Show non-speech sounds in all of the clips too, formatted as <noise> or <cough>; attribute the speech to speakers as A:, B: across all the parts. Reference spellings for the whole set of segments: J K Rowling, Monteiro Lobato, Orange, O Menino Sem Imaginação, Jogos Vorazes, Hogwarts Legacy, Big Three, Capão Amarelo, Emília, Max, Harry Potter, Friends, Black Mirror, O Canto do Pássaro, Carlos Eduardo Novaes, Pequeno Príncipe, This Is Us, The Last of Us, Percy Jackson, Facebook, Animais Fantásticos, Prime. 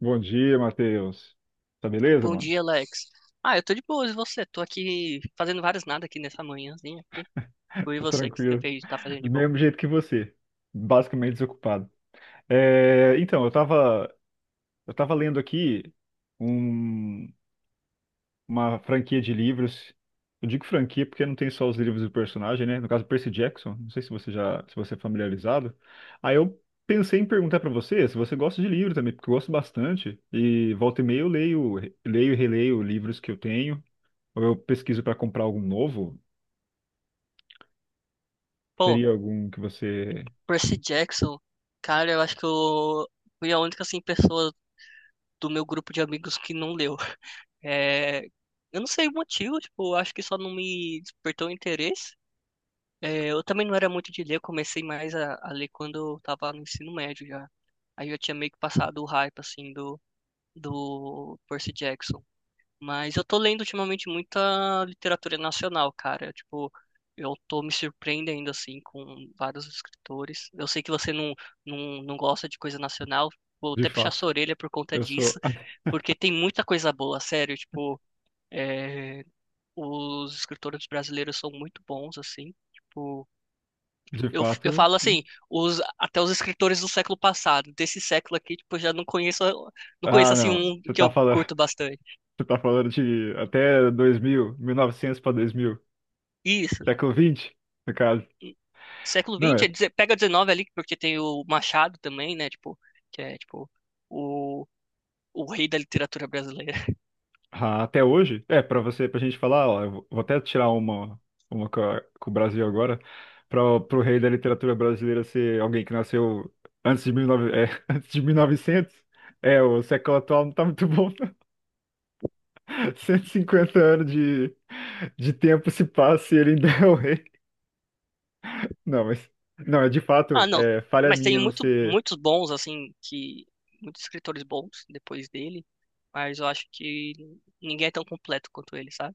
A: Bom dia, Matheus. Tá beleza,
B: Bom
A: mano?
B: dia, Alex. Eu tô de boas, e você? Tô aqui fazendo vários nada aqui nessa manhãzinha aqui. Tipo,
A: <laughs>
B: e
A: Tô
B: você, o que você
A: tranquilo.
B: fez, tá fazendo
A: Do
B: de bom?
A: mesmo jeito que você. Basicamente desocupado. É, então, eu tava lendo aqui um- uma franquia de livros. Eu digo franquia porque não tem só os livros do personagem, né? No caso, Percy Jackson. Não sei se você é familiarizado. Aí eu pensei em perguntar pra você se você gosta de livro também, porque eu gosto bastante. E volta e meia eu leio e releio livros que eu tenho. Ou eu pesquiso pra comprar algum novo.
B: Pô,
A: Teria algum que você,
B: Percy Jackson, cara, eu acho que eu fui a única, assim, pessoa do meu grupo de amigos que não leu. <laughs> É, eu não sei o motivo, tipo, eu acho que só não me despertou interesse. É, eu também não era muito de ler, eu comecei mais a ler quando eu tava no ensino médio já. Aí eu tinha meio que passado o hype, assim, do Percy Jackson. Mas eu tô lendo ultimamente muita literatura nacional, cara. Tipo, eu tô me surpreendendo, assim, com vários escritores. Eu sei que você não gosta de coisa nacional. Vou
A: de
B: até puxar sua
A: fato,
B: orelha por conta
A: eu
B: disso,
A: sou,
B: <laughs> porque tem muita coisa boa, sério. Tipo, é, os escritores brasileiros são muito bons, assim. Tipo,
A: de
B: eu
A: fato,
B: falo
A: hum?
B: assim, os, até os escritores do século passado, desse século aqui, tipo, eu já não conheço, não conheço
A: Ah,
B: assim
A: não,
B: um
A: você
B: que
A: tá
B: eu
A: falando,
B: curto
A: <laughs>
B: bastante.
A: você tá falando de até 2000, 900 para 2000
B: Isso.
A: século 20, no caso.
B: Século
A: Não
B: XX, é
A: é,
B: pega 19 ali, porque tem o Machado também, né? Tipo, que é tipo o, o rei da literatura brasileira. <laughs>
A: ah, até hoje, é, para você, pra gente falar, ó, eu vou até tirar uma com o Brasil agora, para o rei da literatura brasileira ser alguém que nasceu antes de 19, é, <laughs> antes de 1900. É, o século atual não tá muito bom, <laughs> 150 anos de tempo se passa e ele ainda é o rei. Não, mas. Não, é de
B: Ah,
A: fato,
B: não.
A: é falha
B: Mas tem
A: minha não
B: muito,
A: ser.
B: muitos bons, assim, que. Muitos escritores bons depois dele. Mas eu acho que ninguém é tão completo quanto ele, sabe?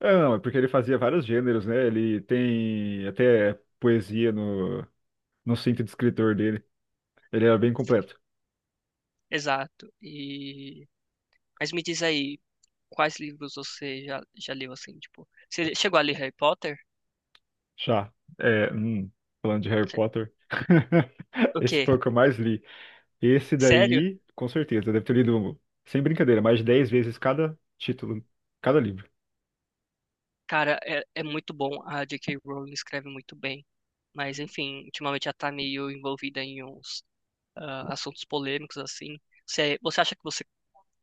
A: Ah, não, é porque ele fazia vários gêneros, né? Ele tem até poesia no cinto de escritor dele. Ele era bem completo.
B: Exato. E. Mas me diz aí, quais livros você já leu, assim, tipo. Você chegou a ler Harry Potter?
A: Já. É, falando de Harry Potter. <laughs>
B: O
A: Esse
B: quê?
A: foi o que eu mais li. Esse
B: Sério?
A: daí, com certeza, deve ter lido, sem brincadeira, mais de 10 vezes cada título, cada livro.
B: Cara, é, é muito bom. A J K Rowling escreve muito bem. Mas, enfim, ultimamente ela tá meio envolvida em uns assuntos polêmicos, assim. Você acha que você,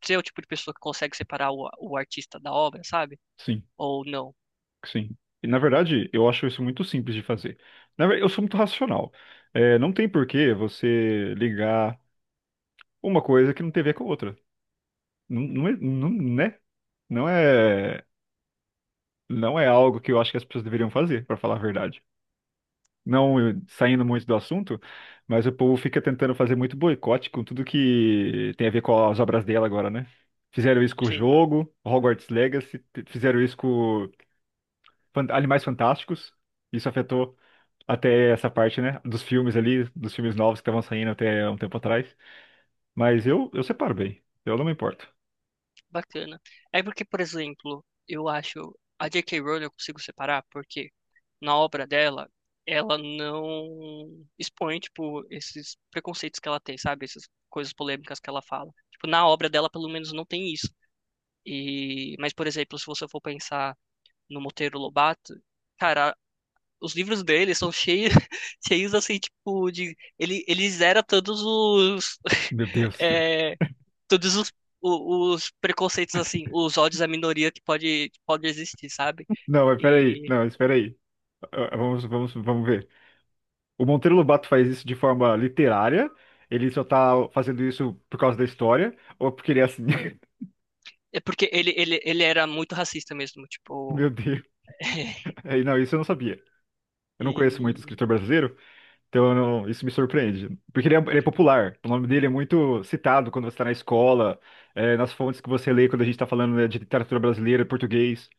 B: você é o tipo de pessoa que consegue separar o artista da obra, sabe?
A: Sim.
B: Ou não?
A: Sim. E, na verdade, eu acho isso muito simples de fazer. Na verdade, eu sou muito racional. É, não tem por que você ligar uma coisa que não tem a ver com a outra. Não, não, não, né? Não é, não é algo que eu acho que as pessoas deveriam fazer, para falar a verdade. Não saindo muito do assunto, mas o povo fica tentando fazer muito boicote com tudo que tem a ver com as obras dela agora, né? Fizeram isso com o
B: Sim,
A: jogo, Hogwarts Legacy, fizeram isso com Animais Fantásticos. Isso afetou até essa parte, né? Dos filmes ali, dos filmes novos que estavam saindo até um tempo atrás. Mas eu separo bem. Eu não me importo.
B: bacana. É porque, por exemplo, eu acho a J K Rowling eu consigo separar porque na obra dela, ela não expõe, tipo, esses preconceitos que ela tem, sabe? Essas coisas polêmicas que ela fala. Tipo, na obra dela, pelo menos, não tem isso. E, mas, por exemplo, se você for pensar no Monteiro Lobato, cara, os livros dele são cheios, <laughs> cheios assim, tipo, de. Ele zera todos os.
A: Meu Deus.
B: <laughs>
A: <laughs>
B: é, todos os, os preconceitos, assim, os ódios à minoria que pode existir, sabe?
A: Não, mas peraí.
B: E.
A: Não, espera aí. Ah, vamos, vamos, vamos ver. O Monteiro Lobato faz isso de forma literária. Ele só tá fazendo isso por causa da história, ou porque ele é assim. <laughs>
B: É porque ele era muito racista mesmo,
A: Meu
B: tipo.
A: Deus.
B: <laughs>
A: É, não, isso eu não sabia. Eu não conheço muito
B: E,
A: escritor brasileiro, então, eu não- isso me surpreende. Porque ele é popular. O nome dele é muito citado quando você está na escola, nas fontes que você lê quando a gente está falando, né, de literatura brasileira, português.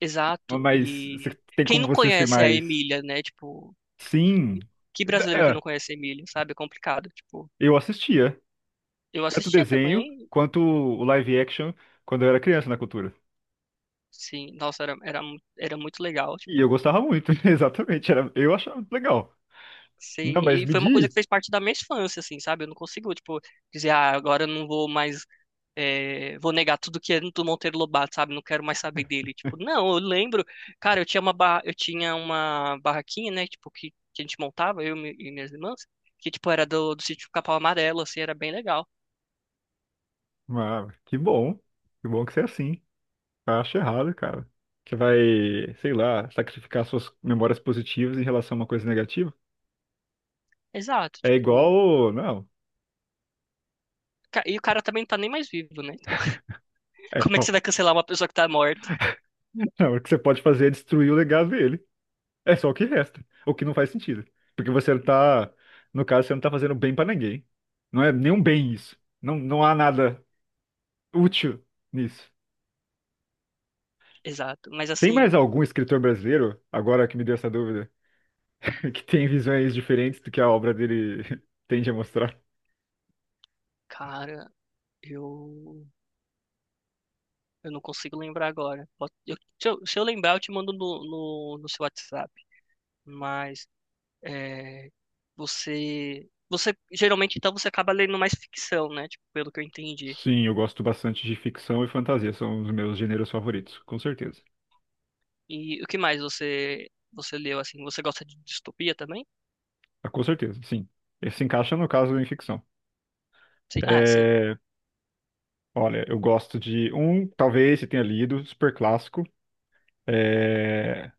B: exato.
A: Mas
B: E
A: tem
B: quem
A: como
B: não
A: você ser
B: conhece a
A: mais.
B: Emília, né? Tipo,
A: Sim.
B: que
A: Da-
B: brasileiro que não
A: é,
B: conhece a Emília, sabe? É complicado. Tipo,
A: eu assistia.
B: eu
A: Tanto o
B: assistia
A: desenho
B: também.
A: quanto o live action quando eu era criança na cultura.
B: Sim, nossa, era muito legal,
A: E eu
B: tipo,
A: gostava muito, <laughs> exatamente. Era, eu achava legal. Não,
B: sei,
A: mas
B: e
A: me
B: foi uma coisa
A: diz.
B: que fez parte da minha infância, assim, sabe? Eu não consigo, tipo, dizer, ah, agora eu não vou mais, é, vou negar tudo que é do Monteiro Lobato, sabe? Não quero mais saber dele, tipo, não, eu lembro, cara, eu tinha uma barraquinha, né, tipo, que a gente montava, eu e e minhas irmãs, que, tipo, era do sítio Capão Amarelo, assim, era bem legal.
A: Ah, que bom. Que bom que você é assim. Eu acho errado, cara. Que vai, sei lá, sacrificar suas memórias positivas em relação a uma coisa negativa.
B: Exato,
A: É
B: tipo,
A: igual. Não.
B: e o cara também não tá nem mais vivo, né? Então, <laughs>
A: É,
B: como é que
A: não.
B: você vai cancelar uma pessoa que tá morta?
A: Não, <laughs> o que você pode fazer é destruir o legado dele. É só o que resta. O que não faz sentido. Porque você tá. No caso, você não tá fazendo bem pra ninguém. Não é nenhum bem isso. Não, não há nada útil nisso.
B: Exato, mas
A: Tem
B: assim...
A: mais algum escritor brasileiro, agora que me deu essa dúvida, <laughs> que tem visões diferentes do que a obra dele <laughs> tende a mostrar?
B: Cara, Eu, eu não consigo lembrar agora. Se eu, se eu lembrar, eu te mando no seu WhatsApp. Mas é, você geralmente então você acaba lendo mais ficção, né? Tipo, pelo que eu entendi.
A: Sim, eu gosto bastante de ficção e fantasia, são os meus gêneros favoritos, com certeza.
B: E o que mais você leu assim? Você gosta de distopia também?
A: Ah, com certeza, sim. Esse se encaixa no caso em ficção.
B: Sim. Ah, sim.
A: É, olha, eu gosto de um, talvez você tenha lido, super clássico. É,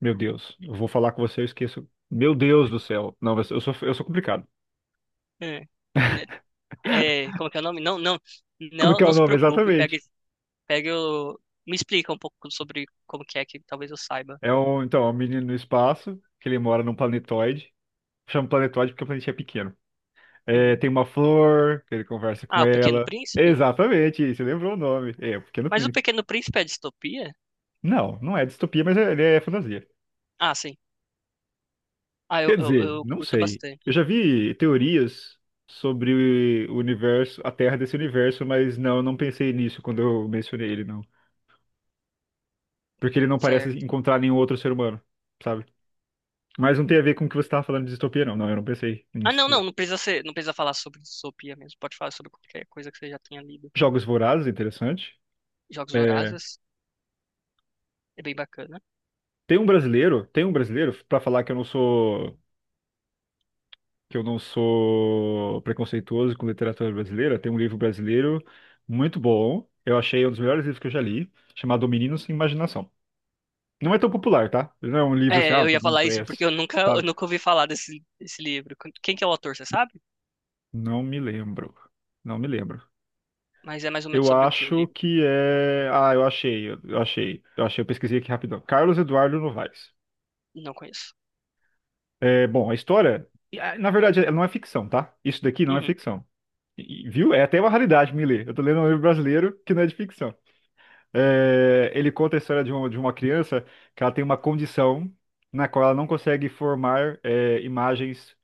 A: meu Deus, eu vou falar com você, eu esqueço. Meu Deus do céu. Não, mas eu sou complicado.
B: É, né, é, como que é o nome? Não,
A: Como é que é
B: não
A: o
B: se
A: nome
B: preocupe.
A: exatamente?
B: Pegue, pegue o, me explica um pouco sobre como que é que talvez eu saiba.
A: É um, então, é um menino no espaço, que ele mora num planetoide. Chama planetoide porque o planeta é pequeno. É,
B: Uhum.
A: tem uma flor, que ele conversa com
B: Ah, o Pequeno
A: ela.
B: Príncipe?
A: Exatamente, você lembrou o nome. É, o Pequeno
B: Mas o
A: Príncipe.
B: Pequeno Príncipe é distopia?
A: Não, não é distopia, mas ele é fantasia.
B: Ah, sim. Ah, eu,
A: Quer
B: eu,
A: dizer,
B: eu
A: não
B: curto
A: sei.
B: bastante.
A: Eu já vi teorias sobre o universo, a Terra desse universo, mas não, eu não pensei nisso quando eu mencionei ele, não. Porque ele não parece
B: Certo.
A: encontrar nenhum outro ser humano, sabe? Mas não tem a ver com o que você estava falando de distopia, não. Não, eu não pensei
B: Ah,
A: nisso.
B: não, não, não precisa ser, não precisa falar sobre distopia mesmo. Pode falar sobre qualquer coisa que você já tenha lido.
A: Jogos Vorazes, interessante.
B: Jogos
A: É,
B: Vorazes é bem bacana.
A: tem um brasileiro, para falar que eu não sou preconceituoso com literatura brasileira, tem um livro brasileiro muito bom. Eu achei um dos melhores livros que eu já li, chamado O Menino Sem Imaginação. Não é tão popular, tá? Não é um livro assim,
B: É,
A: ah,
B: eu ia
A: todo mundo
B: falar isso porque
A: conhece,
B: eu
A: sabe?
B: nunca ouvi falar desse livro. Quem que é o autor, você sabe?
A: Não me lembro. Não me lembro.
B: Mas é mais ou menos
A: Eu
B: sobre o que o
A: acho
B: livro.
A: que é. Ah, eu achei, eu pesquisei aqui rapidão. Carlos Eduardo Novaes.
B: Não conheço.
A: É, bom, a história, na verdade, ela não é ficção, tá? Isso daqui não é
B: Uhum,
A: ficção. Viu? É até uma raridade me ler. Eu tô lendo um livro brasileiro que não é de ficção. É, ele conta a história de uma criança que ela tem uma condição na qual ela não consegue formar imagens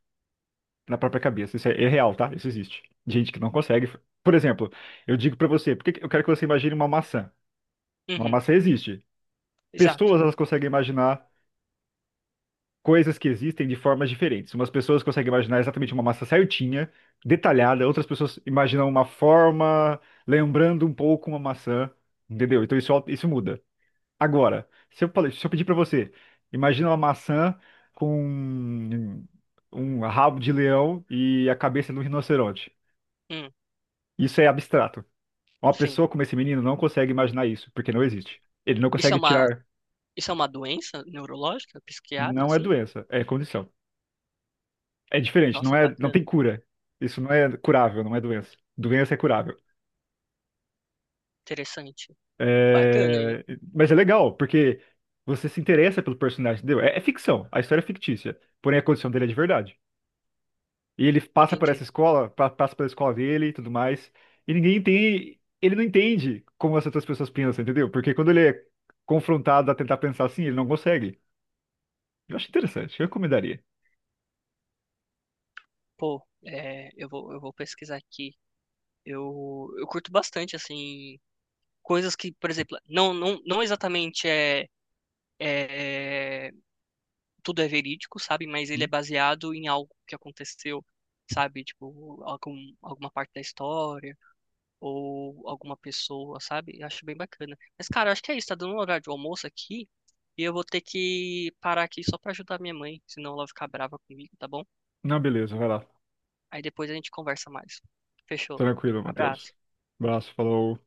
A: na própria cabeça. Isso é real, tá? Isso existe. Gente que não consegue. Por exemplo, eu digo pra você, por que que eu quero que você imagine uma maçã? Uma
B: uhum,
A: maçã existe.
B: exato.
A: Pessoas, elas conseguem imaginar coisas que existem de formas diferentes. Umas pessoas conseguem imaginar exatamente uma maçã certinha, detalhada. Outras pessoas imaginam uma forma lembrando um pouco uma maçã, entendeu? Então isso muda. Agora, se eu pedir pra você, imagina uma maçã com um rabo de leão e a cabeça de um rinoceronte.
B: Hum,
A: Isso é abstrato. Uma
B: sim.
A: pessoa como esse menino não consegue imaginar isso, porque não existe. Ele não
B: Isso é
A: consegue
B: uma,
A: tirar.
B: isso é uma doença neurológica, psiquiatra,
A: Não é
B: assim?
A: doença, é condição. É diferente, não
B: Nossa,
A: é, não tem
B: bacana.
A: cura. Isso não é curável, não é doença. Doença é curável.
B: Interessante. Bacana, hein?
A: É, Mas é legal, porque você se interessa pelo personagem, entendeu? É ficção, a história é fictícia, porém a condição dele é de verdade. E ele passa por essa
B: Entendi.
A: escola, passa pela escola dele e tudo mais. E ninguém entende, ele não entende como as outras pessoas pensam, entendeu? Porque quando ele é confrontado a tentar pensar assim, ele não consegue. Eu acho interessante, eu recomendaria.
B: Pô, é, eu vou pesquisar aqui. Eu curto bastante, assim, coisas que, por exemplo, não exatamente é. é, tudo é verídico, sabe? Mas ele é
A: Hum?
B: baseado em algo que aconteceu, sabe? Tipo, alguma parte da história ou alguma pessoa, sabe? Eu acho bem bacana. Mas, cara, eu acho que é isso. Tá dando um horário de almoço aqui e eu vou ter que parar aqui só pra ajudar minha mãe, senão ela vai ficar brava comigo, tá bom?
A: Não, beleza, vai lá.
B: Aí depois a gente conversa mais. Fechou.
A: Tranquilo,
B: Abraço.
A: Matheus. Abraço, falou.